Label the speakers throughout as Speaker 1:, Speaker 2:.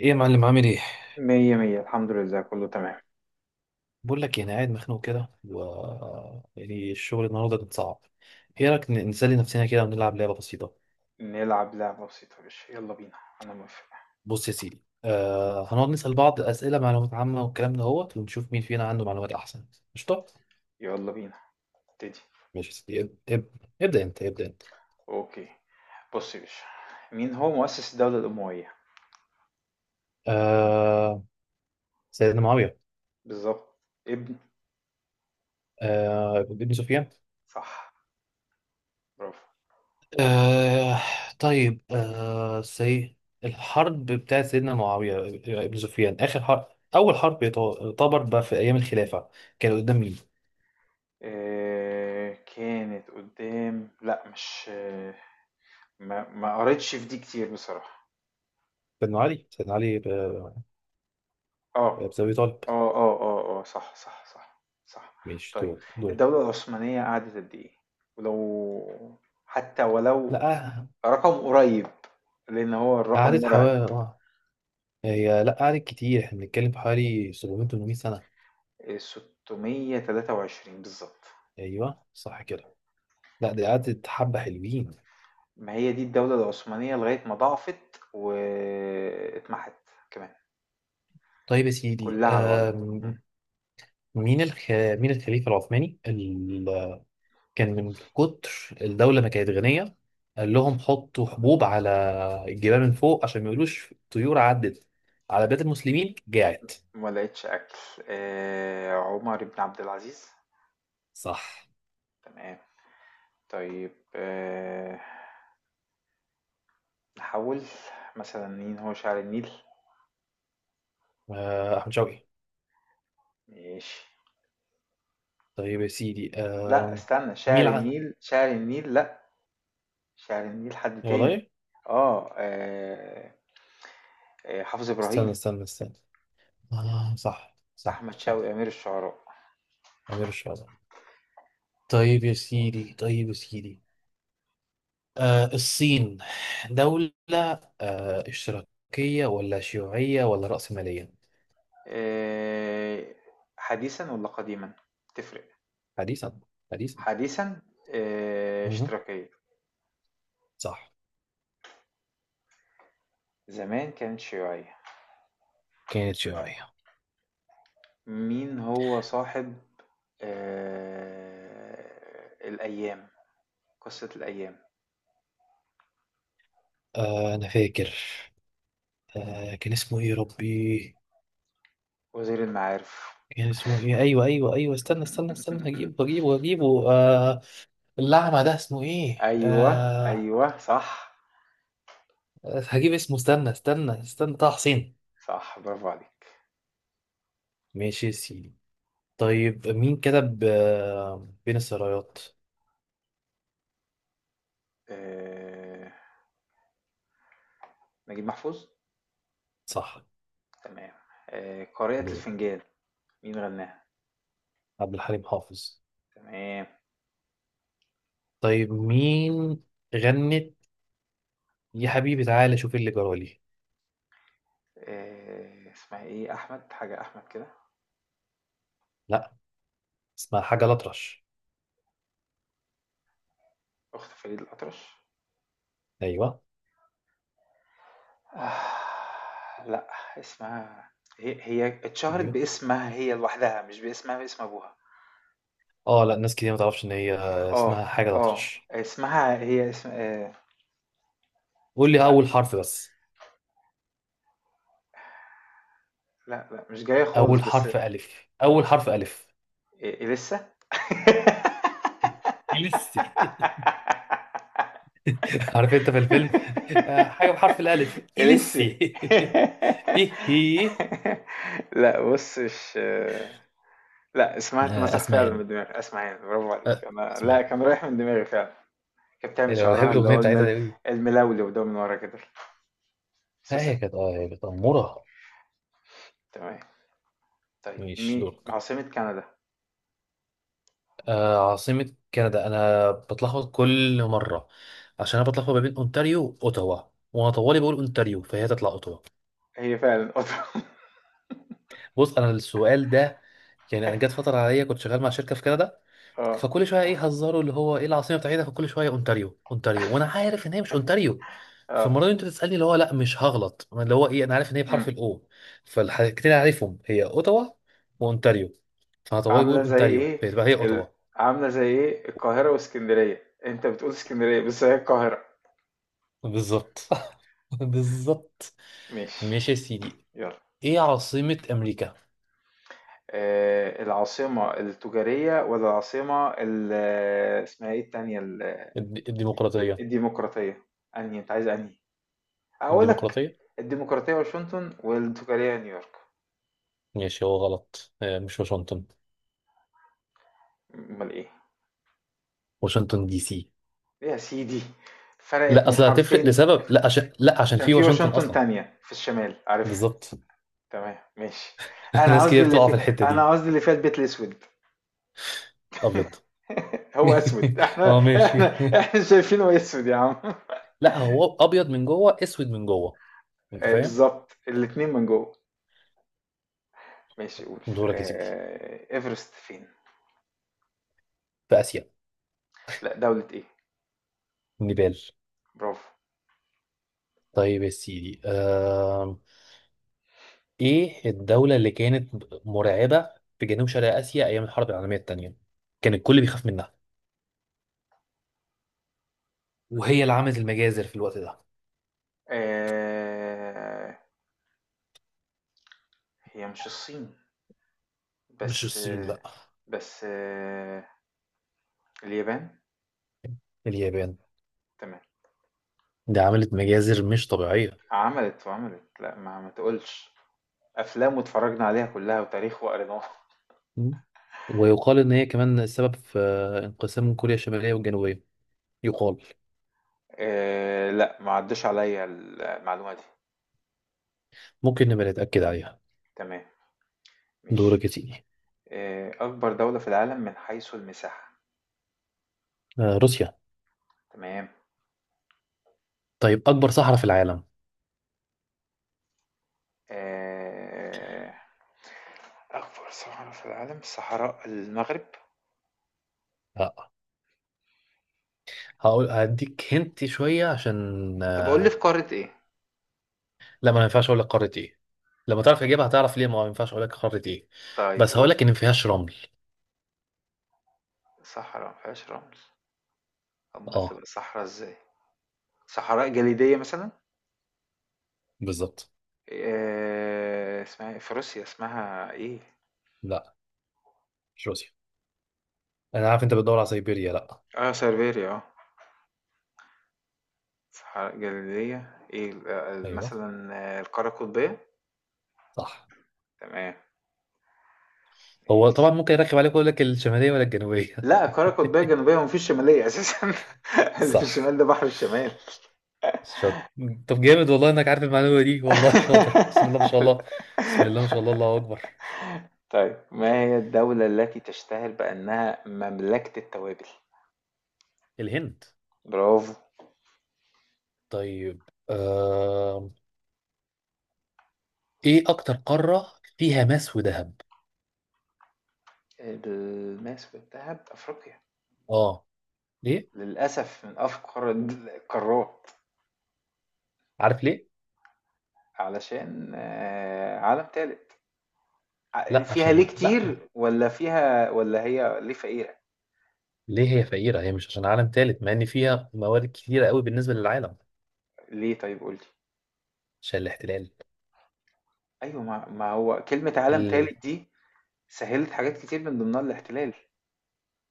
Speaker 1: ايه يا معلم، عامل ايه؟
Speaker 2: مية مية الحمد لله كله تمام.
Speaker 1: بقول لك يعني قاعد مخنوق كده، و يعني الشغل النهارده كان صعب. ايه رايك نسلي نفسنا كده ونلعب لعبه بسيطه؟
Speaker 2: نلعب لعبة بسيطة يا باشا، يلا بينا أنا موافق.
Speaker 1: بص يا سيدي، هنقعد نسال بعض اسئله، معلومات عامه والكلام ده، هو ونشوف مين فينا عنده معلومات احسن. قشطه.
Speaker 2: يلا بينا ابتدي.
Speaker 1: ماشي يا سيدي، ابدا انت، ابدا انت.
Speaker 2: أوكي، بص يا باشا، مين هو مؤسس الدولة الأموية؟
Speaker 1: آه سيدنا معاويه.
Speaker 2: بالظبط. ابن.
Speaker 1: ابن سفيان.
Speaker 2: صح، برافو.
Speaker 1: آه طيب. آه سي الحرب بتاعت سيدنا معاوية، ابن سفيان، آخر حرب، أول حرب، يعتبر بقى في أيام الخلافة، كان قدام مين؟
Speaker 2: إيه كانت قدام؟ لأ مش، ما قريتش في دي كتير بصراحة.
Speaker 1: سيدنا علي، بن
Speaker 2: آه.
Speaker 1: أبي طالب.
Speaker 2: آه، آه، آه، آه، صح، صح، صح، صح.
Speaker 1: مش
Speaker 2: طيب،
Speaker 1: دول.
Speaker 2: الدولة العثمانية قعدت قد إيه؟ ولو حتى ولو
Speaker 1: لا،
Speaker 2: رقم قريب، لأن هو الرقم
Speaker 1: قعدت
Speaker 2: مرعب.
Speaker 1: حوالي، هي، لا قعدت كتير، احنا بنتكلم في حوالي 700 800 سنة.
Speaker 2: إيه، 623 بالظبط.
Speaker 1: أيوه، صح كده. لا، دي قعدت حبة حلوين.
Speaker 2: ما هي دي الدولة العثمانية لغاية ما ضعفت واتمحت كمان
Speaker 1: طيب يا سيدي،
Speaker 2: كلها على بعضها. مم.
Speaker 1: مين الخليفة العثماني كان من كتر الدولة ما كانت غنية، قال لهم حطوا حبوب على الجبال من فوق عشان ما يقولوش طيور عدت على بلاد المسلمين جاعت.
Speaker 2: ما لقيتش أكل. آه، عمر بن عبد العزيز.
Speaker 1: صح.
Speaker 2: تمام. طيب آه، نحول. مثلا مين هو شاعر النيل؟
Speaker 1: أحمد شوقي.
Speaker 2: ماشي.
Speaker 1: طيب يا سيدي،
Speaker 2: لا استنى، شاعر
Speaker 1: مين الع...
Speaker 2: النيل شاعر النيل لا، شاعر النيل حد تاني.
Speaker 1: والله.
Speaker 2: اه آه، آه، حافظ
Speaker 1: استنى
Speaker 2: إبراهيم.
Speaker 1: استنى استنى، آه، صح، صح،
Speaker 2: أحمد
Speaker 1: صح.
Speaker 2: شوقي أمير الشعراء.
Speaker 1: أمير الشهداء. طيب يا سيدي. الصين دولة، اشتراكية ولا شيوعية ولا رأسمالية؟
Speaker 2: آه، حديثا ولا قديما؟ تفرق.
Speaker 1: حديثا، حديثا.
Speaker 2: حديثا آه،
Speaker 1: مهم.
Speaker 2: اشتراكية.
Speaker 1: صح.
Speaker 2: زمان كانت شيوعية.
Speaker 1: كانت شوية.
Speaker 2: مين هو صاحب آه، الأيام، قصة الأيام؟
Speaker 1: أنا فاكر. كان اسمه إيه يا ربي؟
Speaker 2: وزير المعارف.
Speaker 1: كان اسمه إيه؟ أيوه، أيوه، أيوه، استنى استنى استنى، هجيبه هجيبه هجيبه، الأعمى ده اسمه إيه؟
Speaker 2: ايوه، ايوه صح،
Speaker 1: هجيب اسمه، استنى استنى استنى، طه حسين.
Speaker 2: صح برافو عليك.
Speaker 1: ماشي يا سيدي. طيب، مين كتب بين السرايات؟
Speaker 2: آه، نجيب محفوظ.
Speaker 1: صح.
Speaker 2: تمام. آه، قارئة
Speaker 1: دورك.
Speaker 2: الفنجان، مين غناها؟
Speaker 1: عبد الحليم حافظ.
Speaker 2: تمام.
Speaker 1: طيب، مين غنت يا حبيبي تعالى شوف اللي جرالي؟
Speaker 2: آه، اسمها ايه؟ احمد حاجة احمد كده.
Speaker 1: لا، اسمها حاجة الأطرش.
Speaker 2: اخت فريد الأطرش.
Speaker 1: أيوه.
Speaker 2: آه، لا، اسمها هي، هي اتشهرت
Speaker 1: أيوه.
Speaker 2: باسمها هي لوحدها، مش باسمها باسم ابوها.
Speaker 1: اه لا، ناس كتير ما تعرفش ان هي
Speaker 2: اه
Speaker 1: اسمها حاجه
Speaker 2: اه،
Speaker 1: الاطرش.
Speaker 2: اسمها هي اسم آه.
Speaker 1: قول لي
Speaker 2: لا
Speaker 1: اول حرف بس.
Speaker 2: لا مش جاية خالص
Speaker 1: اول
Speaker 2: بس.
Speaker 1: حرف الف، اول حرف الف.
Speaker 2: إيه إيه لسه؟
Speaker 1: إليسي. عارف انت في الفيلم؟ حاجه بحرف الالف،
Speaker 2: إيه لسه؟
Speaker 1: إليسي. ايه هي؟
Speaker 2: لا بص، مش، لا اسمها اتمسح فعلا
Speaker 1: اسمهان.
Speaker 2: من دماغي، اسمع يعني برافو عليك، انا لا
Speaker 1: اسمهان.
Speaker 2: كان رايح من دماغي فعلا. كانت
Speaker 1: إيه
Speaker 2: بتعمل
Speaker 1: ده، أنا بحب
Speaker 2: شعرها اللي
Speaker 1: الاغنيه
Speaker 2: هو
Speaker 1: بتاعتها
Speaker 2: المل،
Speaker 1: دي أوي.
Speaker 2: الملولو ده من ورا كده،
Speaker 1: لا،
Speaker 2: سوسة.
Speaker 1: هي كانت اموره.
Speaker 2: تمام. طيب،
Speaker 1: مش
Speaker 2: مي
Speaker 1: دورك.
Speaker 2: عاصمة كندا؟
Speaker 1: عاصمه كندا انا بتلخبط كل مره، عشان انا بتلخبط ما بين اونتاريو واوتاوا، وانا طوالي بقول اونتاريو فهي تطلع اوتاوا.
Speaker 2: هي فعلا اوتوا.
Speaker 1: بص انا السؤال ده، يعني انا جت فتره عليا كنت شغال مع شركه في كندا، فكل شويه ايه هزاروا اللي هو ايه العاصمه بتاعتها، فكل شويه اونتاريو، اونتاريو، وانا عارف ان هي مش اونتاريو.
Speaker 2: اه اه،
Speaker 1: فالمره دي انت تسالني، اللي هو لا مش هغلط، اللي هو ايه، انا عارف ان هي بحرف الاو، فالحاجتين اللي عارفهم هي اوتاوا واونتاريو، فهطوي بيقول
Speaker 2: عاملة زي
Speaker 1: اونتاريو
Speaker 2: ايه
Speaker 1: فيبقى هي
Speaker 2: ال،
Speaker 1: اوتاوا.
Speaker 2: عاملة زي ايه القاهرة واسكندرية، انت بتقول اسكندرية بس هي القاهرة.
Speaker 1: بالظبط. بالظبط.
Speaker 2: ماشي.
Speaker 1: ماشي يا سيدي.
Speaker 2: يلا،
Speaker 1: ايه عاصمه امريكا؟
Speaker 2: آه العاصمة التجارية ولا العاصمة ال، اسمها ايه التانية ال.
Speaker 1: الديمقراطيه.
Speaker 2: الديمقراطية، انهي انت عايز؟ انهي اقول لك؟
Speaker 1: الديمقراطيه.
Speaker 2: الديمقراطية واشنطن والتجارية نيويورك.
Speaker 1: ماشي، هو غلط. مش واشنطن.
Speaker 2: امال ايه؟
Speaker 1: واشنطن دي سي.
Speaker 2: إيه يا سيدي، فرقت
Speaker 1: لا،
Speaker 2: من
Speaker 1: اصل هتفرق
Speaker 2: حرفين.
Speaker 1: لسبب، لا، عشان
Speaker 2: عشان
Speaker 1: في
Speaker 2: في
Speaker 1: واشنطن
Speaker 2: واشنطن
Speaker 1: اصلا.
Speaker 2: تانية في الشمال، عارفها.
Speaker 1: بالظبط.
Speaker 2: تمام ماشي. انا
Speaker 1: ناس
Speaker 2: قصدي
Speaker 1: كتير
Speaker 2: اللي
Speaker 1: بتقع في
Speaker 2: في،
Speaker 1: الحته
Speaker 2: انا
Speaker 1: دي.
Speaker 2: قصدي اللي فيها البيت الاسود.
Speaker 1: ابيض.
Speaker 2: هو اسود؟ احنا
Speaker 1: اه ماشي.
Speaker 2: احنا، احنا شايفينه اسود يا عم.
Speaker 1: لا هو ابيض من جوه، اسود من جوه. انت
Speaker 2: آه،
Speaker 1: فاهم.
Speaker 2: بالظبط الاتنين من جوه. ماشي، قول.
Speaker 1: دورك يا سيدي.
Speaker 2: آه، ايفرست فين؟
Speaker 1: في اسيا.
Speaker 2: لا دولة ايه؟
Speaker 1: نيبال.
Speaker 2: برافو.
Speaker 1: طيب يا سيدي، ايه الدوله اللي كانت مرعبه في جنوب شرق اسيا ايام الحرب العالميه الثانيه، كان الكل بيخاف منها، وهي اللي عملت المجازر في الوقت ده؟
Speaker 2: آه، هي مش الصين
Speaker 1: مش
Speaker 2: بس
Speaker 1: الصين،
Speaker 2: آه،
Speaker 1: لا.
Speaker 2: بس آه، اليابان.
Speaker 1: اليابان.
Speaker 2: تمام.
Speaker 1: دي عملت مجازر مش طبيعيه.
Speaker 2: عملت وعملت، لا ما تقولش، افلام واتفرجنا عليها كلها، وتاريخ وقريناها.
Speaker 1: مم. ويقال ان هي كمان السبب في انقسام كوريا الشماليه والجنوبيه، يقال.
Speaker 2: آه، لا ما عدش عليا المعلومة دي.
Speaker 1: ممكن نبقى نتاكد عليها.
Speaker 2: تمام
Speaker 1: دورك
Speaker 2: ماشي.
Speaker 1: يا سيدي.
Speaker 2: آه، أكبر دولة في العالم من حيث المساحة.
Speaker 1: روسيا.
Speaker 2: تمام.
Speaker 1: طيب، اكبر صحراء في العالم؟
Speaker 2: آه، أكبر صحراء في العالم صحراء المغرب.
Speaker 1: آه، هقول هديك هنت شويه، عشان
Speaker 2: طب أقول لي في
Speaker 1: آه،
Speaker 2: قارة إيه؟
Speaker 1: لا، ما ينفعش اقول لك قاره ايه، لما تعرف اجابه هتعرف ليه ما ينفعش اقول لك قاره ايه.
Speaker 2: طيب
Speaker 1: بس هقول
Speaker 2: قول.
Speaker 1: لك ان ما فيهاش رمل.
Speaker 2: صحراء مفيهاش رمل؟ أمال
Speaker 1: اه.
Speaker 2: تبقى صحراء إزاي؟ صحراء جليدية مثلا؟
Speaker 1: بالظبط.
Speaker 2: آه، اسمها إيه؟ في روسيا اسمها إيه؟
Speaker 1: لا، مش روسيا. انا عارف انت بتدور على سيبيريا، لا.
Speaker 2: آه سيberia آه، صحراء جليدية إيه آه،
Speaker 1: ايوه،
Speaker 2: مثلا آه، القارة القطبية؟
Speaker 1: صح.
Speaker 2: تمام
Speaker 1: هو
Speaker 2: ماشي.
Speaker 1: طبعا ممكن يركب عليك يقول لك الشماليه ولا الجنوبيه.
Speaker 2: لا، القارة القطبية الجنوبية، ومفيش شمالية أساسا. اللي في
Speaker 1: صح.
Speaker 2: الشمال ده بحر الشمال.
Speaker 1: شاطر. طب جامد والله انك عارف المعلومه دي، والله شاطر، بسم الله ما شاء الله. بسم الله ما شاء الله، الله اكبر.
Speaker 2: طيب، ما هي الدولة التي تشتهر بأنها مملكة التوابل؟
Speaker 1: الهند.
Speaker 2: برافو.
Speaker 1: طيب. ايه اكتر قاره فيها ماس وذهب؟
Speaker 2: الماس والذهب أفريقيا.
Speaker 1: اه. ليه؟
Speaker 2: للأسف من أفقر القارات.
Speaker 1: عارف ليه.
Speaker 2: علشان آه، عالم تالت. ع-
Speaker 1: لا،
Speaker 2: فيها ليه
Speaker 1: عشان، لا،
Speaker 2: كتير؟ ولا فيها، ولا هي ليه فقيرة؟
Speaker 1: ليه هي فقيره؟ هي مش عشان عالم ثالث، مع ان فيها موارد كتيره قوي بالنسبه للعالم.
Speaker 2: ليه طيب، قولي.
Speaker 1: عشان الاحتلال.
Speaker 2: أيوة، ما هو كلمة عالم
Speaker 1: ال...
Speaker 2: تالت دي سهلت حاجات كتير من ضمنها الاحتلال.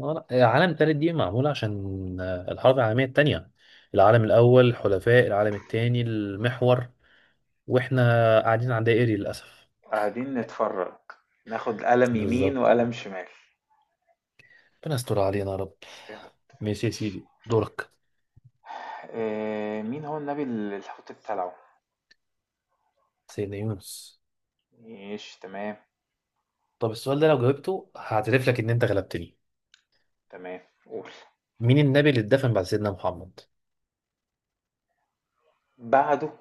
Speaker 1: لا، العالم الثالث دي معموله عشان الحرب العالميه الثانيه، العالم الاول حلفاء، العالم الثاني المحور، واحنا قاعدين على دائري للاسف.
Speaker 2: قاعدين نتفرج، ناخد قلم يمين
Speaker 1: بالظبط.
Speaker 2: وقلم شمال.
Speaker 1: ربنا يستر علينا يا رب. ماشي يا
Speaker 2: ماشي.
Speaker 1: سيدي، دورك.
Speaker 2: آه، مين هو النبي اللي الحوت ابتلعه؟
Speaker 1: سيدنا يونس.
Speaker 2: ماشي تمام.
Speaker 1: طب السؤال ده لو جاوبته هعترف لك ان انت غلبتني.
Speaker 2: تمام قول.
Speaker 1: مين النبي اللي اتدفن بعد سيدنا محمد؟
Speaker 2: بعده؟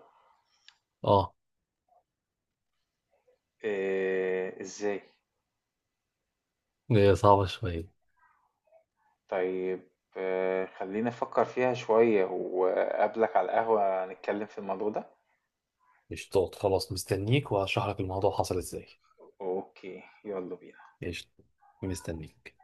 Speaker 1: اه.
Speaker 2: آه ازاي.
Speaker 1: هي صعبة شوية.
Speaker 2: طيب آه، خلينا نفكر فيها شوية، وقابلك على القهوة نتكلم في الموضوع ده.
Speaker 1: قشطات، خلاص مستنيك وهشرح لك الموضوع حصل ازاي.
Speaker 2: اوكي، يلا بينا.
Speaker 1: قشطة. مستنيك.